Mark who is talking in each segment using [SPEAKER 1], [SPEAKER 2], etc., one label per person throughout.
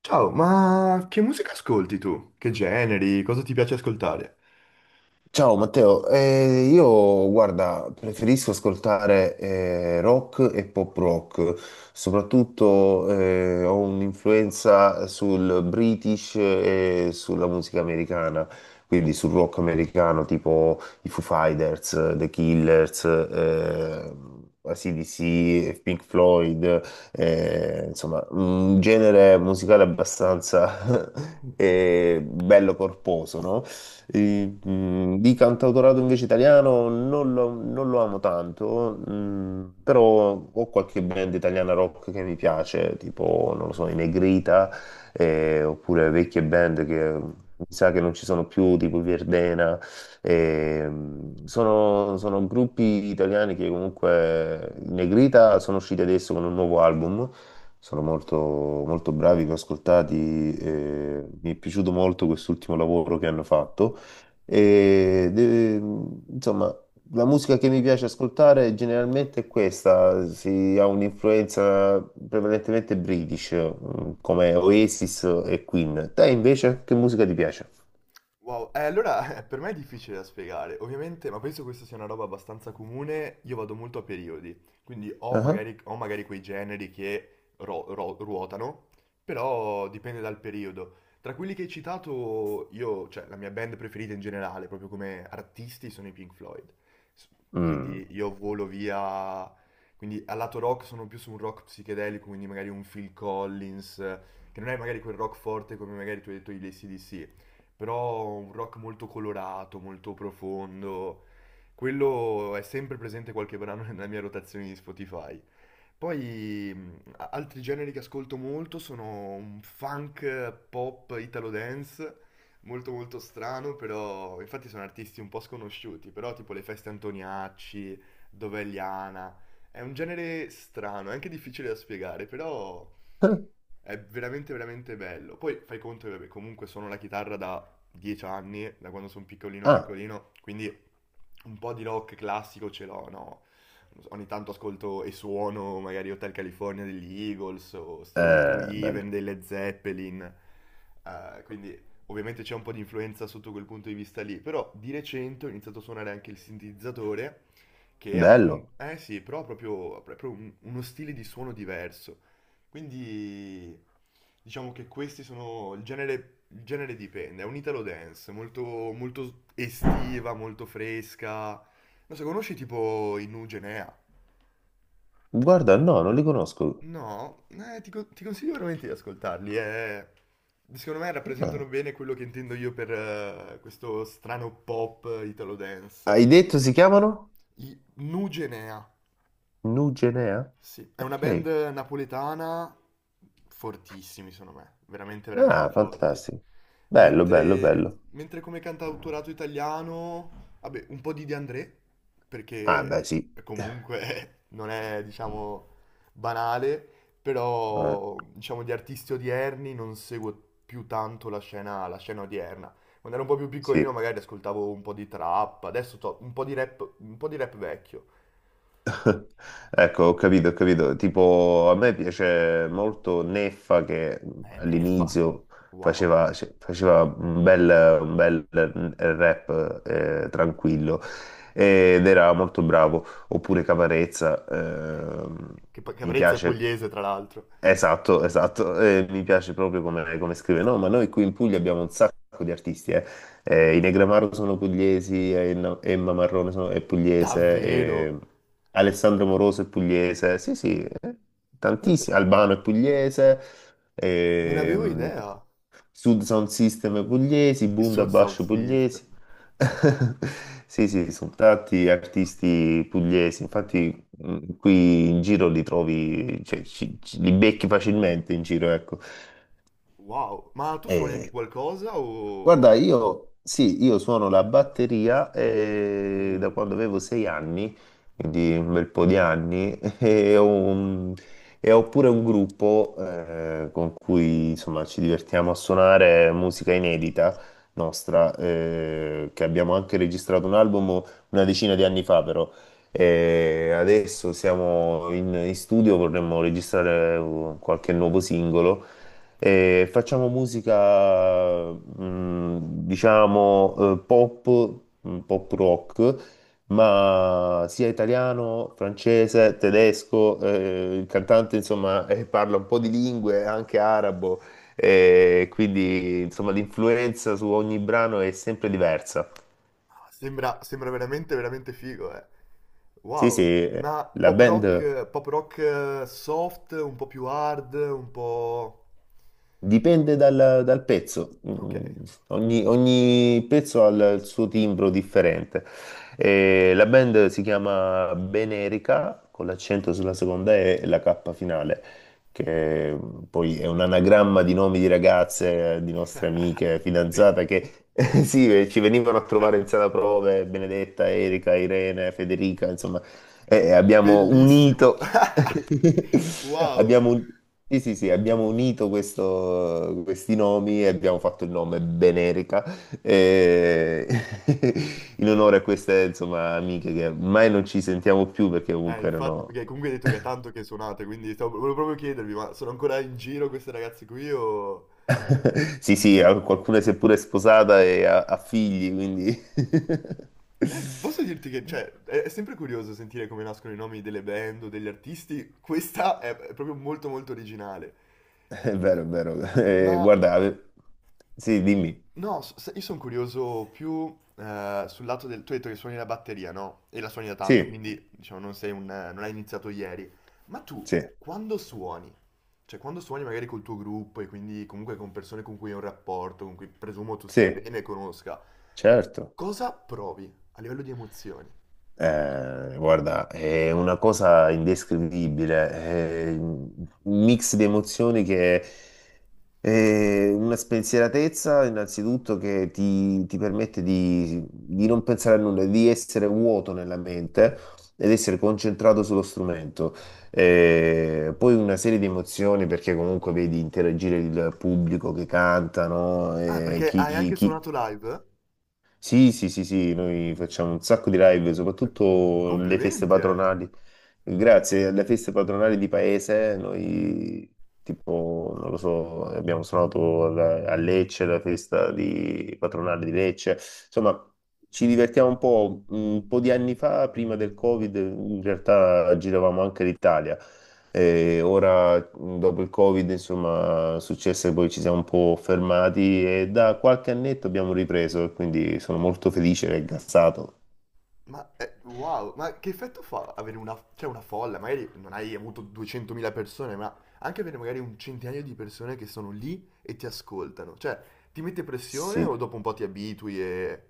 [SPEAKER 1] Ciao, ma che musica ascolti tu? Che generi? Cosa ti piace ascoltare?
[SPEAKER 2] Ciao Matteo, eh, io guarda, preferisco ascoltare rock e pop rock, soprattutto ho un'influenza sul British e sulla musica americana, quindi sul rock americano tipo i Foo Fighters, The Killers, AC/DC, Pink Floyd, insomma un genere musicale abbastanza bello corposo, no? E, di cantautorato invece italiano non lo amo tanto, però ho qualche band italiana rock che mi piace, tipo, non lo so, i Negrita, oppure vecchie band che... Mi sa che non ci sono più, tipo i Verdena, e, sono gruppi italiani che comunque i Negrita sono usciti adesso con un nuovo album, sono molto, molto bravi, li ho ascoltati, e mi è piaciuto molto quest'ultimo lavoro che hanno fatto. E, de- insomma, la musica che mi piace ascoltare generalmente è questa, si ha un'influenza prevalentemente british, come Oasis e Queen. Te invece, che musica ti piace?
[SPEAKER 1] Wow, allora per me è difficile da spiegare, ovviamente, ma penso questa sia una roba abbastanza comune, io vado molto a periodi, quindi
[SPEAKER 2] Ah,
[SPEAKER 1] ho magari quei generi che ruotano, però dipende dal periodo. Tra quelli che hai citato, io, cioè la mia band preferita in generale, proprio come artisti, sono i Pink Floyd, S-
[SPEAKER 2] mm.
[SPEAKER 1] quindi io volo via, quindi al lato rock sono più su un rock psichedelico, quindi magari un Phil Collins, che non è magari quel rock forte come magari tu hai detto gli ac però un rock molto colorato, molto profondo. Quello è sempre presente qualche brano nella mia rotazione di Spotify. Poi altri generi che ascolto molto sono un funk, pop italo dance, molto molto strano, però infatti sono artisti un po' sconosciuti, però tipo le feste Antoniacci, Dovegliana, è un genere strano, è anche difficile da spiegare, però è veramente veramente bello. Poi fai conto che vabbè, comunque suono la chitarra da 10 anni, da quando sono piccolino
[SPEAKER 2] Ah,
[SPEAKER 1] piccolino, quindi un po' di rock classico ce l'ho, no? Ogni tanto ascolto e suono magari Hotel California degli Eagles o Stairway to
[SPEAKER 2] bello.
[SPEAKER 1] Heaven delle Zeppelin, quindi ovviamente c'è un po' di influenza sotto quel punto di vista lì, però di recente ho iniziato a suonare anche il sintetizzatore, che
[SPEAKER 2] Bello.
[SPEAKER 1] appunto, eh sì, però ha proprio uno stile di suono diverso, quindi diciamo che questi sono, il genere dipende, è un italo dance, molto, molto estiva, molto fresca, non so, conosci tipo i Nu Genea?
[SPEAKER 2] Guarda, no, non li conosco.
[SPEAKER 1] No, ti consiglio veramente di ascoltarli. Secondo me
[SPEAKER 2] Ah.
[SPEAKER 1] rappresentano bene quello che intendo io per questo strano pop italo dance.
[SPEAKER 2] Hai detto si chiamano?
[SPEAKER 1] I Nu Genea.
[SPEAKER 2] Nugenea?
[SPEAKER 1] Sì, è una band
[SPEAKER 2] Ok.
[SPEAKER 1] napoletana, fortissimi, secondo me, veramente, veramente
[SPEAKER 2] Ah,
[SPEAKER 1] forti.
[SPEAKER 2] fantastico. Bello, bello,
[SPEAKER 1] Mentre,
[SPEAKER 2] bello.
[SPEAKER 1] mentre come cantautorato italiano, vabbè, un po' di De André,
[SPEAKER 2] Ah, beh,
[SPEAKER 1] perché
[SPEAKER 2] sì.
[SPEAKER 1] comunque non è, diciamo, banale,
[SPEAKER 2] Eh,
[SPEAKER 1] però, diciamo, di artisti odierni non seguo più tanto la scena odierna. Quando ero un po' più piccolino
[SPEAKER 2] sì.
[SPEAKER 1] magari ascoltavo un po' di trap, adesso un po' di rap, un po' di rap vecchio.
[SPEAKER 2] Ecco, ho capito, ho capito. Tipo, a me piace molto Neffa che
[SPEAKER 1] Neffa,
[SPEAKER 2] all'inizio
[SPEAKER 1] wow.
[SPEAKER 2] faceva, cioè, faceva un bel rap tranquillo ed era molto bravo. Oppure Caparezza,
[SPEAKER 1] Eh,
[SPEAKER 2] mi
[SPEAKER 1] Caparezza è
[SPEAKER 2] piace.
[SPEAKER 1] pugliese, tra l'altro.
[SPEAKER 2] Esatto, esatto, mi piace proprio come scrive. No, ma noi qui in Puglia abbiamo un sacco di artisti, eh. I Negramaro sono pugliesi, Emma Marrone è pugliese,
[SPEAKER 1] Davvero?
[SPEAKER 2] Alessandro Moroso è pugliese, sì sì,
[SPEAKER 1] Non,
[SPEAKER 2] tantissimi, Albano è pugliese,
[SPEAKER 1] non avevo
[SPEAKER 2] ehm,
[SPEAKER 1] idea.
[SPEAKER 2] Sud Sound System è pugliesi,
[SPEAKER 1] Il Sud South
[SPEAKER 2] Bundabash
[SPEAKER 1] System.
[SPEAKER 2] pugliesi. Sì, sì, sono tanti artisti pugliesi, infatti. Mm, qui in giro li trovi, cioè, li becchi facilmente in giro, ecco.
[SPEAKER 1] Wow, ma tu suoni anche
[SPEAKER 2] E
[SPEAKER 1] qualcosa
[SPEAKER 2] guarda,
[SPEAKER 1] o...
[SPEAKER 2] io sì, io suono la batteria da
[SPEAKER 1] Uh,
[SPEAKER 2] quando avevo sei anni, quindi un bel po' di anni, e ho pure un gruppo con cui insomma ci divertiamo a suonare musica inedita nostra, che abbiamo anche registrato un album una decina di anni fa, però. E adesso siamo in studio, vorremmo registrare qualche nuovo singolo. E facciamo musica, diciamo, pop, pop rock, ma sia italiano, francese, tedesco, il cantante, insomma, parla un po' di lingue, anche arabo, quindi, insomma, l'influenza su ogni brano è sempre diversa.
[SPEAKER 1] sembra veramente, veramente figo, eh.
[SPEAKER 2] Sì, sì,
[SPEAKER 1] Wow. Ma
[SPEAKER 2] la
[SPEAKER 1] pop
[SPEAKER 2] band...
[SPEAKER 1] rock, pop rock, soft, un po' più hard, un po'...
[SPEAKER 2] Dipende dal pezzo.
[SPEAKER 1] Ok.
[SPEAKER 2] Ogni pezzo ha il suo timbro differente. E la band si chiama Benerica, con l'accento sulla seconda E e la K finale, che poi è un anagramma di nomi di ragazze, di nostre amiche,
[SPEAKER 1] Be-
[SPEAKER 2] fidanzate, che sì, ci venivano a trovare in sala prove, Benedetta, Erika, Irene, Federica, insomma abbiamo
[SPEAKER 1] Bellissimo.
[SPEAKER 2] unito,
[SPEAKER 1] Wow.
[SPEAKER 2] abbiamo, un- sì, sì, sì, abbiamo unito questi nomi e abbiamo fatto il nome Benerica eh, in onore a queste, insomma, amiche che ormai non ci sentiamo più perché comunque
[SPEAKER 1] Infatti,
[SPEAKER 2] erano...
[SPEAKER 1] perché comunque hai detto che è tanto che suonate, quindi volevo proprio chiedervi, ma sono ancora in giro queste ragazze qui o...
[SPEAKER 2] Sì, sì, qualcuna si è pure sposata e ha figli, quindi...
[SPEAKER 1] Posso dirti che, cioè, è sempre curioso sentire come nascono i nomi delle band o degli artisti, questa è proprio molto molto originale.
[SPEAKER 2] È vero, è vero. Eh,
[SPEAKER 1] Ma
[SPEAKER 2] guarda, ave- sì, dimmi.
[SPEAKER 1] no, sai, io sono curioso più sul lato del... Tu hai detto che suoni la batteria, no? E la suoni da tanto,
[SPEAKER 2] Sì,
[SPEAKER 1] quindi diciamo non sei un... non hai iniziato ieri. Ma tu,
[SPEAKER 2] sì,
[SPEAKER 1] quando suoni? Cioè, quando suoni magari col tuo gruppo e quindi comunque con persone con cui hai un rapporto, con cui presumo tu stia
[SPEAKER 2] sì,
[SPEAKER 1] bene e conosca,
[SPEAKER 2] certo.
[SPEAKER 1] cosa provi a livello di emozioni?
[SPEAKER 2] Guarda, è una cosa indescrivibile, è un mix di emozioni che è una spensieratezza innanzitutto che ti permette di non pensare a nulla, di essere vuoto nella mente ed essere concentrato sullo strumento. Poi una serie di emozioni perché comunque vedi interagire il pubblico che cantano,
[SPEAKER 1] Ah, perché hai
[SPEAKER 2] chi,
[SPEAKER 1] anche
[SPEAKER 2] chi
[SPEAKER 1] suonato live?
[SPEAKER 2] sì, sì, sì, sì,
[SPEAKER 1] Uh,
[SPEAKER 2] noi facciamo un sacco di live,
[SPEAKER 1] eh,
[SPEAKER 2] soprattutto le feste
[SPEAKER 1] Complimenti, eh!
[SPEAKER 2] patronali. Grazie alle feste patronali di paese, noi tipo, non lo so, abbiamo suonato a Lecce, la festa patronale di Lecce. Insomma, ci divertiamo un po'. Un po' di anni fa, prima del Covid, in realtà giravamo anche l'Italia. E ora, dopo il Covid, insomma, è successo che poi ci siamo un po' fermati e da qualche annetto abbiamo ripreso, e quindi sono molto felice e gassato.
[SPEAKER 1] Ma wow, ma che effetto fa avere una, cioè una folla? Magari non hai avuto 200.000 persone, ma anche avere magari un centinaio di persone che sono lì e ti ascoltano. Cioè, ti mette pressione o
[SPEAKER 2] Sì.
[SPEAKER 1] dopo un po' ti abitui e...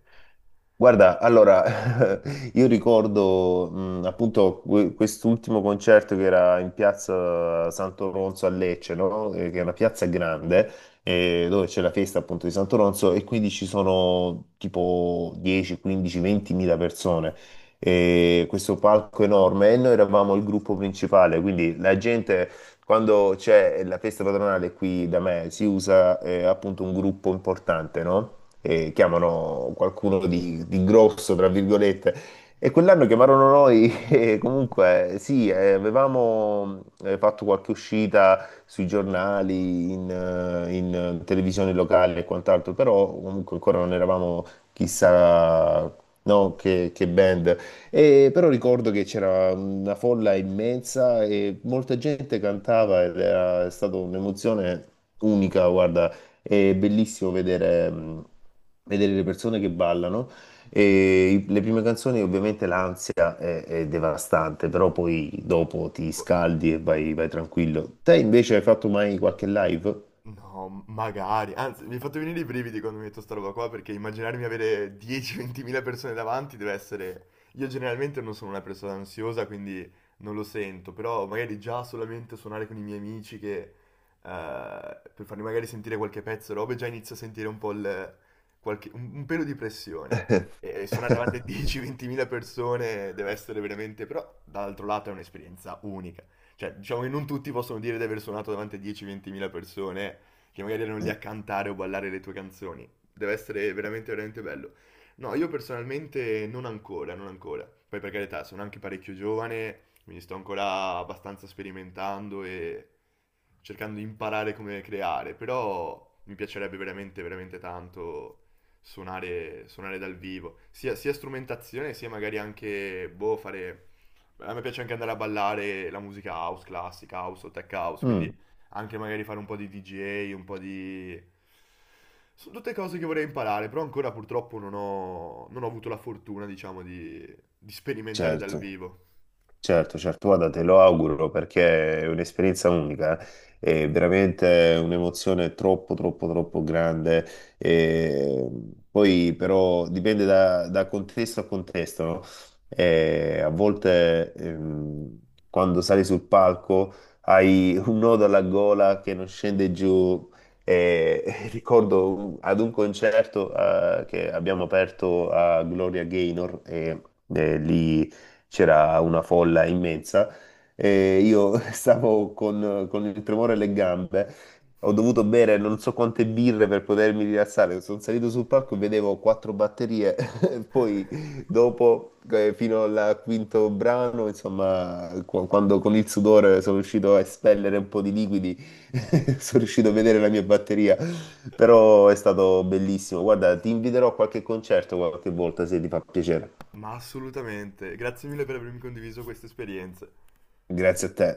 [SPEAKER 2] Guarda, allora, io ricordo appunto quest'ultimo concerto che era in piazza Santo Ronzo a Lecce, no? Che è una piazza grande dove c'è la festa appunto di Santo Ronzo e quindi ci sono tipo 10, 15, 20 mila persone. E questo palco enorme e noi eravamo il gruppo principale, quindi la gente quando c'è la festa patronale qui da me si usa appunto un gruppo importante, no? Eh, chiamano qualcuno di grosso, tra virgolette. E quell'anno chiamarono noi e comunque sì, avevamo fatto qualche uscita sui giornali, in televisione locale e quant'altro, però comunque ancora non eravamo chissà no, che band. E però ricordo che c'era una folla immensa e molta gente cantava ed era stata un'emozione unica, guarda, è bellissimo vedere, vedere le persone che ballano. E le prime canzoni, ovviamente, l'ansia è devastante, però poi dopo ti
[SPEAKER 1] Boh,
[SPEAKER 2] scaldi e vai, vai tranquillo. Te invece hai fatto mai qualche live?
[SPEAKER 1] no, magari. Anzi, mi hai fatto venire i brividi quando mi hai detto sta roba qua, perché immaginarmi avere 10-20.000 persone davanti deve essere... Io generalmente non sono una persona ansiosa, quindi non lo sento, però magari già solamente suonare con i miei amici che... per farmi magari sentire qualche pezzo, robe, già inizio a sentire un po' il... un pelo di pressione. E suonare davanti a 10-20.000 persone deve essere veramente... Però, dall'altro lato, è un'esperienza unica. Cioè, diciamo che non tutti possono dire di aver suonato davanti a 10-20.000 persone che magari erano lì a cantare o ballare le tue canzoni. Deve essere veramente, veramente bello. No, io personalmente non ancora, non ancora. Poi per carità, sono anche parecchio giovane, quindi sto ancora abbastanza sperimentando e cercando di imparare come creare, però mi piacerebbe veramente, veramente tanto suonare dal vivo, sia strumentazione, sia magari anche, boh, fare a me piace anche andare a ballare la musica house, classica house o tech house,
[SPEAKER 2] Mm,
[SPEAKER 1] quindi anche magari fare un po' di DJ, un po' di... Sono tutte cose che vorrei imparare, però ancora purtroppo non ho avuto la fortuna, diciamo, di, sperimentare dal
[SPEAKER 2] certo.
[SPEAKER 1] vivo.
[SPEAKER 2] Certo, certo, guarda, te lo auguro perché è un'esperienza unica, eh. È veramente un'emozione troppo, troppo, troppo grande. E poi però dipende da contesto a contesto, no? E a volte quando sali sul palco hai un nodo alla gola che non scende giù. E, e ricordo ad un concerto che abbiamo aperto a Gloria Gaynor e lì c'era una folla immensa e io stavo con il tremore alle gambe. Ho dovuto bere non so quante birre per potermi rilassare. Sono salito sul palco e vedevo quattro batterie. Poi, dopo, fino al quinto brano, insomma, quando con il sudore sono riuscito a espellere un po' di liquidi, sono riuscito a vedere la mia batteria. Però è stato bellissimo. Guarda, ti inviterò a qualche concerto qualche volta se ti fa piacere.
[SPEAKER 1] Ma assolutamente, grazie mille per avermi condiviso queste esperienze.
[SPEAKER 2] Grazie a te.